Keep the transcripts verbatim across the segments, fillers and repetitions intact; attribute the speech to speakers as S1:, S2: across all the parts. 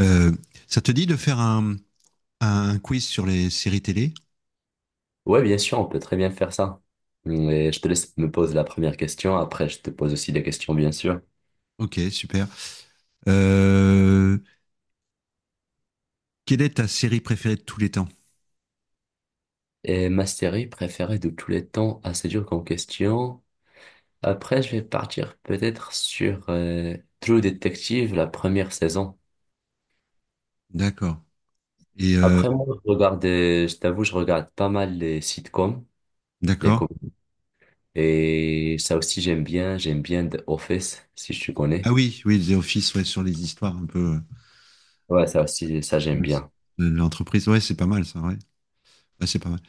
S1: Euh, Ça te dit de faire un, un quiz sur les séries télé?
S2: Ouais, bien sûr, on peut très bien faire ça. Mais je te laisse me poser la première question. Après, je te pose aussi des questions, bien sûr.
S1: Ok, super. Euh, Quelle est ta série préférée de tous les temps?
S2: Et ma série préférée de tous les temps, assez dur comme question. Après, je vais partir peut-être sur euh, True Detective, la première saison.
S1: D'accord. Et euh,
S2: Après, moi, je regarde, euh, je t'avoue, je regarde pas mal les sitcoms, les
S1: d'accord.
S2: com- Et ça aussi, j'aime bien. J'aime bien The Office, si tu
S1: Ah
S2: connais.
S1: oui, oui, The Office, ouais, sur les histoires un peu
S2: Ouais, ça aussi, ça, j'aime
S1: euh,
S2: bien.
S1: de l'entreprise. Ouais, c'est pas mal ça, ouais. Ouais, c'est pas mal.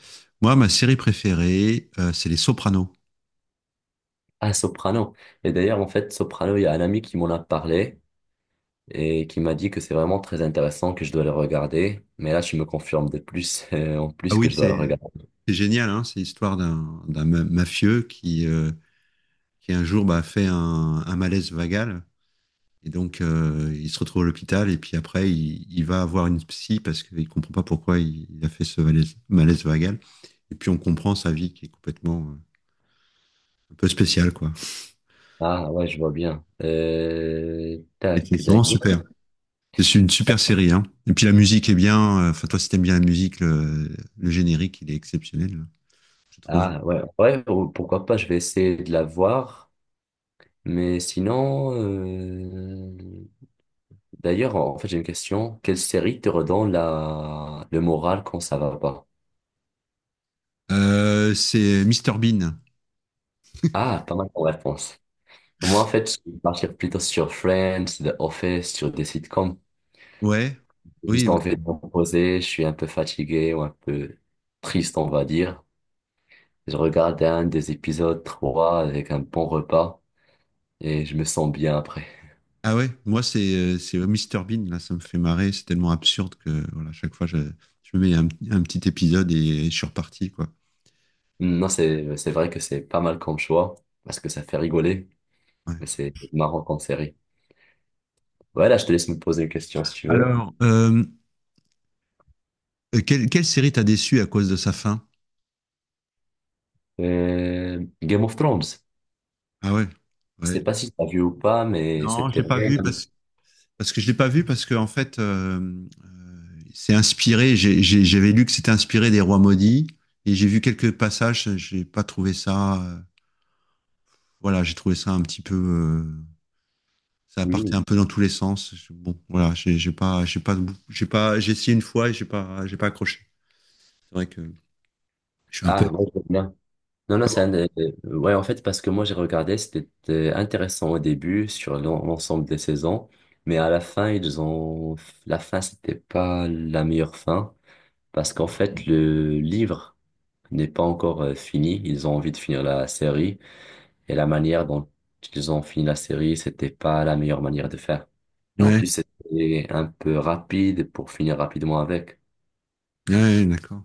S1: Moi, ma série préférée, euh, c'est Les Sopranos.
S2: Ah, Soprano. Et d'ailleurs, en fait, Soprano, il y a un ami qui m'en a parlé. Et qui m'a dit que c'est vraiment très intéressant, que je dois le regarder. Mais là, tu me confirmes de plus, euh, en
S1: Ah
S2: plus
S1: oui,
S2: que je dois le
S1: c'est
S2: regarder.
S1: c'est génial, hein, c'est l'histoire d'un d'un ma- mafieux qui, euh, qui un jour bah, fait un, un malaise vagal. Et donc, euh, il se retrouve à l'hôpital et puis après, il, il va avoir une psy parce qu'il ne comprend pas pourquoi il, il a fait ce malaise, malaise vagal. Et puis, on comprend sa vie qui est complètement euh, un peu spéciale, quoi.
S2: Ah ouais, je vois bien. Euh,
S1: Et
S2: tac,
S1: c'est vraiment
S2: d'ailleurs.
S1: super. C'est une super série, hein. Et puis, la musique est bien. euh, Enfin, toi, si t'aimes bien la musique, le, le générique, il est exceptionnel, je trouve.
S2: Ah ouais, ouais, ou- pourquoi pas, je vais essayer de la voir. Mais sinon, euh, d'ailleurs, en fait, j'ai une question. Quelle série te redonne la... le moral quand ça va pas?
S1: Euh, c'est Mister Bean.
S2: Ah, pas mal comme réponse. Moi, en fait, je vais partir plutôt sur Friends, The Office, sur des sitcoms.
S1: Ouais.
S2: J'ai
S1: Oui,
S2: juste
S1: oui.
S2: envie de me reposer, je suis un peu fatigué ou un peu triste, on va dire. Je regarde un des épisodes trois avec un bon repas et je me sens bien après.
S1: Ah ouais, moi c'est euh, c'est Mister Bean là, ça me fait marrer, c'est tellement absurde que voilà, chaque fois je, je mets un, un petit épisode et, je suis reparti quoi.
S2: Non, c'est, c'est vrai que c'est pas mal comme choix parce que ça fait rigoler,
S1: Ouais.
S2: mais c'est marrant en série. Voilà, je te laisse me poser une question si tu veux.
S1: Alors, euh, quelle, quelle série t'a déçu à cause de sa fin?
S2: Euh, Game of Thrones.
S1: Ah ouais,
S2: Je
S1: ouais.
S2: sais pas si tu as vu ou pas, mais
S1: Non,
S2: c'était
S1: j'ai pas vu
S2: vraiment...
S1: parce parce que je l'ai pas vu parce que en fait euh, euh, c'est inspiré, j'ai- j'ai- j'avais lu que c'était inspiré des Rois maudits, et j'ai vu quelques passages, j'ai pas trouvé ça euh, voilà, j'ai trouvé ça un petit peu euh, ça partait
S2: Mhm.
S1: un peu dans tous les sens. Je- Bon, voilà, j'ai j'ai pas, j'ai pas, j'ai pas, j'ai essayé une fois et j'ai pas, j'ai pas accroché. C'est vrai que je suis un peu.
S2: Ah, moi, je veux bien. Non, non, c'est un
S1: Comment?
S2: des- Ouais, en fait, parce que moi, j'ai regardé, c'était euh, intéressant au début sur l'en- l'ensemble des saisons, mais à la fin, ils ont... La fin, c'était pas la meilleure fin, parce qu'en fait, le livre n'est pas encore euh, fini. Ils ont envie de finir la série, et la manière dont ils ont fini la série, c'était pas la meilleure manière de faire. Et en
S1: Ouais,
S2: plus, c'était un peu rapide pour finir rapidement avec.
S1: ouais, d'accord.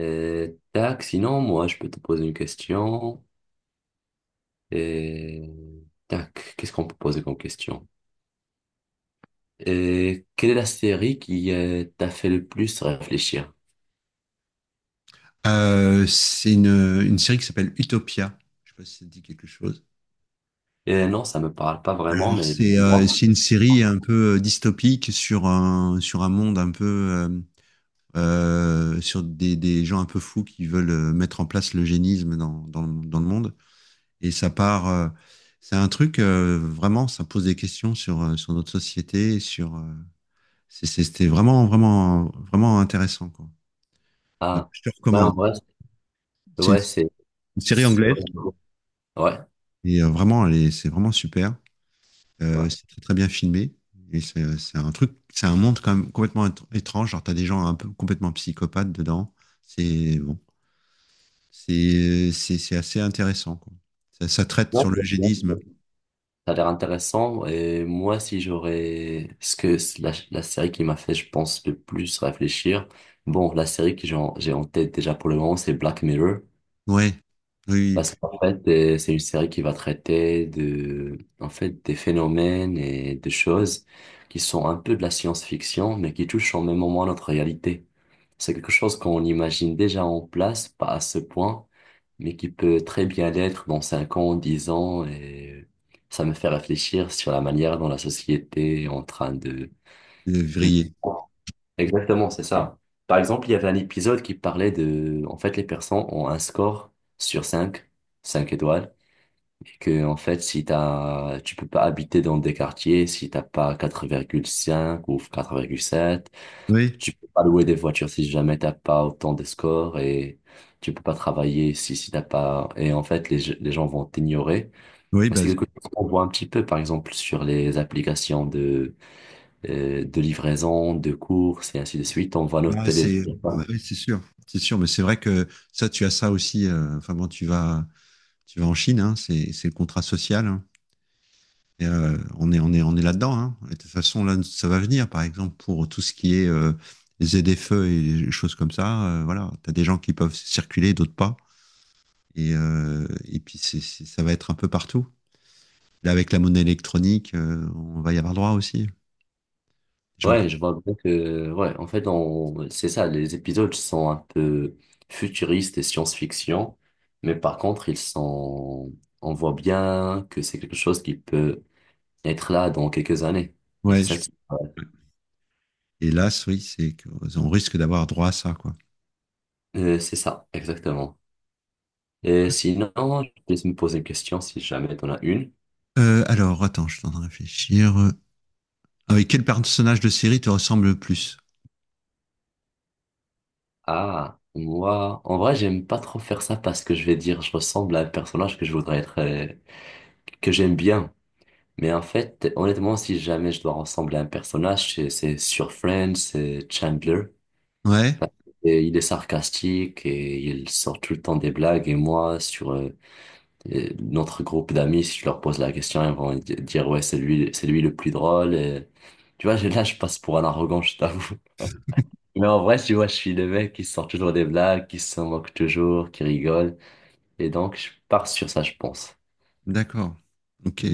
S2: Euh, tac, sinon, moi, je peux te poser une question. Et tac, qu'est-ce qu'on peut poser comme question? Et quelle est la série qui euh, t'a fait le plus réfléchir?
S1: Euh, c'est une, une série qui s'appelle Utopia. Je sais pas si ça te dit quelque chose.
S2: Et non, ça me parle pas vraiment,
S1: Alors,
S2: mais
S1: c'est euh,
S2: moi,
S1: c'est une série un peu euh, dystopique sur un, sur un monde un peu, euh, euh, sur des, des gens un peu fous qui veulent euh, mettre en place l'eugénisme dans, dans, dans le monde. Et ça part. Euh, c'est un truc, euh, vraiment, ça pose des questions sur, euh, sur notre société. Sur, euh, c'est- c'est- c'était vraiment, vraiment, vraiment intéressant, quoi. Euh,
S2: ah,
S1: Je te
S2: ouais,
S1: recommande.
S2: en vrai,
S1: C'est une,
S2: ouais, c'est,
S1: une série
S2: c'est-
S1: anglaise.
S2: ouais,
S1: Et euh, vraiment, elle est- c'est vraiment super.
S2: ouais.
S1: Euh, c'est très, très bien filmé. Et c'est c'est un truc, c'est un monde quand même complètement étr- étrange. Genre, t'as des gens un peu complètement psychopathes dedans. C'est bon, c'est c'est c'est assez intéressant, quoi. Ça, ça traite
S2: Non,
S1: sur
S2: je- non, je-
S1: l'eugénisme.
S2: Ça a l'air intéressant et moi si j'aurais ce que c'est la, la série qui m'a fait je pense le plus réfléchir bon la série que j'ai en j'ai en tête déjà pour le moment c'est Black Mirror.
S1: Ouais, oui,
S2: Parce qu'en fait, euh, c'est une série qui va traiter de, en fait, des phénomènes et des choses qui sont un peu de la science-fiction, mais qui touchent en même moment à notre réalité. C'est quelque chose qu'on imagine déjà en place, pas à ce point, mais qui peut très bien l'être dans cinq ans, dix ans, et ça me fait réfléchir sur la manière dont la société est en train de...
S1: oui, euh, Vrillé.
S2: Exactement, c'est ça. Par exemple, il y avait un épisode qui parlait de, en fait, les personnes ont un score sur cinq, cinq étoiles, et que, en fait, si t'as, tu peux pas habiter dans des quartiers si t'as pas quatre virgule cinq ou quatre virgule sept,
S1: Oui,
S2: tu peux pas louer des voitures si jamais t'as pas autant de scores, et tu peux pas travailler si, si t'as pas, et en fait, les, je- les gens vont t'ignorer.
S1: oui,
S2: Mais
S1: bah,
S2: c'est quelque chose qu'on voit un petit peu, par exemple, sur les applications euh, de livraison, de courses et ainsi de suite. On voit notre
S1: Bah,
S2: télé.
S1: c'est
S2: Je sais
S1: bah
S2: pas.
S1: oui, c'est sûr, c'est sûr, mais c'est vrai que ça, tu as ça aussi. Euh, enfin, quand tu vas, tu vas en Chine, hein, c'est c'est le contrat social, hein. Et, euh, on est, on est, on est là-dedans, hein. Et de toute façon, là, ça va venir. Par exemple, pour tout ce qui est euh, les feux et les choses comme ça, euh, voilà, tu as des gens qui peuvent circuler, d'autres pas. Et, euh, et puis, c'est, c'est- ça va être un peu partout. Là, avec la monnaie électronique, euh, on va y avoir droit aussi. Les gens...
S2: Ouais, je vois bien que, ouais, en fait, on, c'est ça, les épisodes sont un peu futuristes et science-fiction, mais par contre, ils sont, on voit bien que c'est quelque chose qui peut être là dans quelques années. Et c'est
S1: Ouais,
S2: ça
S1: je-
S2: qui, ouais,
S1: hélas, oui, c'est qu'on risque d'avoir droit à ça, quoi.
S2: euh, c'est ça, exactement. Et sinon, je vais me poser une question si jamais t'en as une.
S1: Euh, alors, attends, je suis en train de réfléchir. Ah oui, quel personnage de série te ressemble le plus?
S2: Ah, moi, en vrai, j'aime pas trop faire ça parce que je vais dire, je ressemble à un personnage que je voudrais être. Euh, que j'aime bien. Mais en fait, honnêtement, si jamais je dois ressembler à un personnage, c'est c'est sur Friends, c'est Chandler.
S1: Ouais,
S2: Et il est sarcastique et il sort tout le temps des blagues. Et moi, sur euh, euh, notre groupe d'amis, si je leur pose la question, ils vont di- dire, ouais, c'est lui, c'est lui le plus drôle. Et, tu vois, j'ai- là, je passe pour un arrogant, je t'avoue. Mais en vrai, tu vois, je suis le mec qui sort toujours des blagues, qui se moque toujours, qui rigole. Et donc, je pars sur ça, je pense.
S1: d'accord. Ok.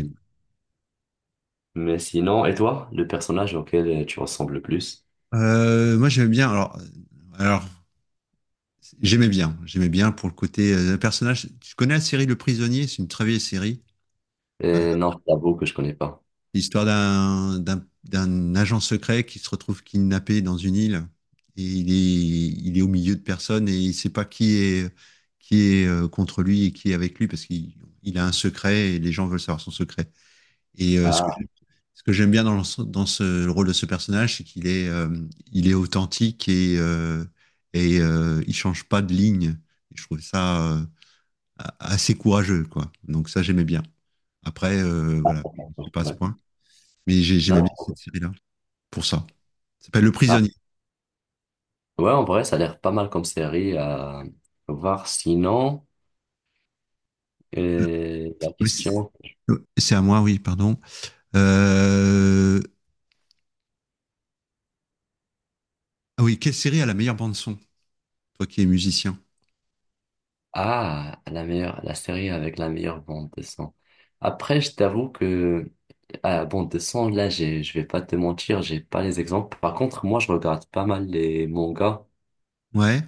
S2: Mais sinon, et toi, le personnage auquel euh, tu ressembles le plus?
S1: Euh, moi, j'aimais bien. Alors, alors, j'aimais bien. J'aimais bien pour le côté euh, personnage. Tu connais la série Le Prisonnier? C'est une très vieille série. Euh,
S2: Euh, non, je t'avoue que je connais pas.
S1: L'histoire d'un d'un d'un agent secret qui se retrouve kidnappé dans une île, et il est il est au milieu de personnes et il sait pas qui est qui est euh, contre lui et qui est avec lui parce qu'il il a un secret et les gens veulent savoir son secret. Et euh, ce que
S2: Ah,
S1: j'aime- ce que j'aime bien dans, le- dans ce, le rôle de ce personnage, c'est qu'il est, euh, il est authentique et, euh, et euh, il change pas de ligne. Et je trouve ça euh, a- assez courageux, quoi. Donc ça, j'aimais bien. Après, euh, voilà, je
S2: d'accord,
S1: ne suis pas à ce
S2: ouais.
S1: point, mais j'ai- j'aimais bien
S2: Non.
S1: cette série-là pour ça. Ça s'appelle Le
S2: Ah.
S1: Prisonnier.
S2: Ouais, en vrai, ça a l'air pas mal comme série à voir. Sinon, euh, la
S1: Oui, C'est
S2: question.
S1: c'est à moi, oui, pardon. Euh, Ah oui, quelle série a la meilleure bande son, toi qui es musicien?
S2: Ah, la meilleure, la série avec la meilleure bande de son. Après, je t'avoue que à bande de son, là, j'ai, je vais pas te mentir, j'ai pas les exemples. Par contre, moi, je regarde pas mal les mangas.
S1: Ouais,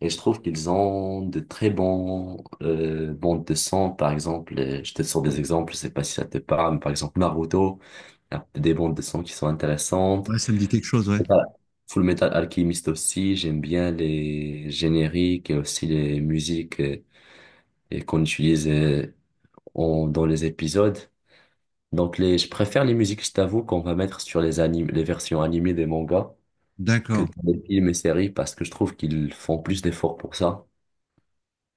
S2: Et je trouve qu'ils ont de très bons euh, bandes de son, par exemple, euh, je te sors des exemples, je sais pas si ça te parle, mais par exemple Naruto, il y a des bandes de son qui sont intéressantes.
S1: ouais, ça me dit quelque chose, ouais.
S2: Et voilà. Full Metal Alchemist aussi, j'aime bien les génériques et aussi les musiques euh, et qu'on utilise euh, en- dans les épisodes. Donc les, je préfère les musiques, je t'avoue, qu'on va mettre sur les animes, les versions animées des mangas que
S1: D'accord.
S2: dans les films et séries parce que je trouve qu'ils font plus d'efforts pour ça.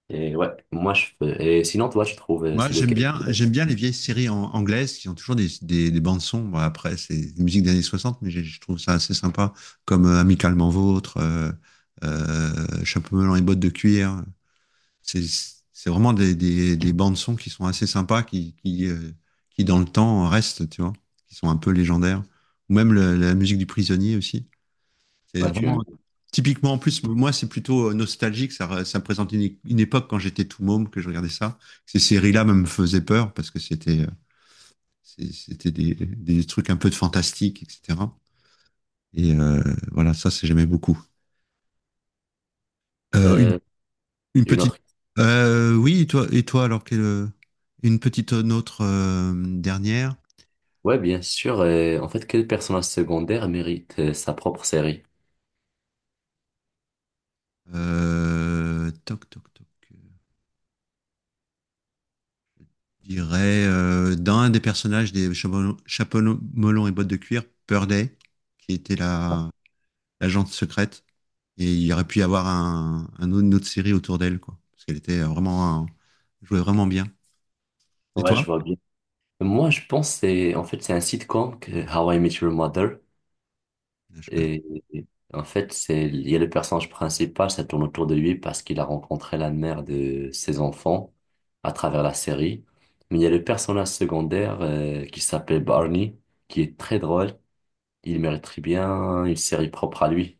S2: Et ouais, moi je fais- Et sinon, toi, tu trouves euh,
S1: Moi,
S2: c'est
S1: j'aime
S2: lequel?
S1: bien, j'aime bien les vieilles séries an- anglaises qui ont toujours des, des, des bandes son. Bon, après, c'est des musiques des années soixante, mais j'ai- je trouve ça assez sympa, comme euh, Amicalement Vôtre, euh, euh, Chapeau melon et bottes de cuir. C'est, c'est vraiment des, des, des bandes son qui sont assez sympas, qui, qui, euh, qui dans le temps restent, tu vois, qui sont un peu légendaires. Ou même le- la musique du prisonnier aussi. C'est
S2: Ouais, tu aimes.
S1: vraiment typiquement en plus, moi c'est plutôt euh, nostalgique, ça, re- ça me présente une, é- une époque quand j'étais tout môme que je regardais ça. Ces séries-là me me faisaient peur parce que c'était euh, c'est- c'était des, des trucs un peu de fantastique, et cetera. Et euh, voilà, ça c'est j'aimais beaucoup. Euh, une,
S2: Euh,
S1: une
S2: une
S1: petite.
S2: autre.
S1: Euh, oui, et toi, et toi alors quelle- euh, une petite euh, autre euh, dernière.
S2: Ouais, bien sûr. Euh, en fait, quel personnage secondaire mérite euh, sa propre série?
S1: Euh, toc toc toc. Je dirais euh, dans un des personnages des Chapeau Chapeau melon et bottes de cuir, Purday, qui était la l'agente secrète. Et il aurait pu y avoir un, un autre- une autre série autour d'elle, quoi. Parce qu'elle était euh, vraiment, un- jouait vraiment bien. Et
S2: Ouais,
S1: toi?
S2: je vois bien. Moi, je pense que c'est en fait c'est un sitcom que How I Met Your Mother
S1: Ah, je connais.
S2: et, et en fait c'est il y a le personnage principal, ça tourne autour de lui parce qu'il a rencontré la mère de ses enfants à travers la série. Mais il y a le personnage secondaire euh, qui s'appelle Barney qui est très drôle. Il mérite très bien une série propre à lui.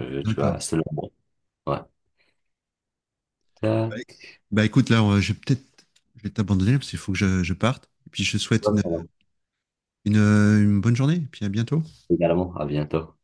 S2: Euh,
S1: Pas.
S2: tu
S1: D'accord.
S2: vas, c'est le bon. Ouais. Euh,
S1: Bah, éc- Bah, écoute, là, on- je vais peut-être, je vais t'abandonner parce qu'il faut que je, je parte. Et puis je te souhaite
S2: ouais,
S1: une,
S2: voilà.
S1: une, une bonne journée. Et puis à bientôt.
S2: Également, à bientôt.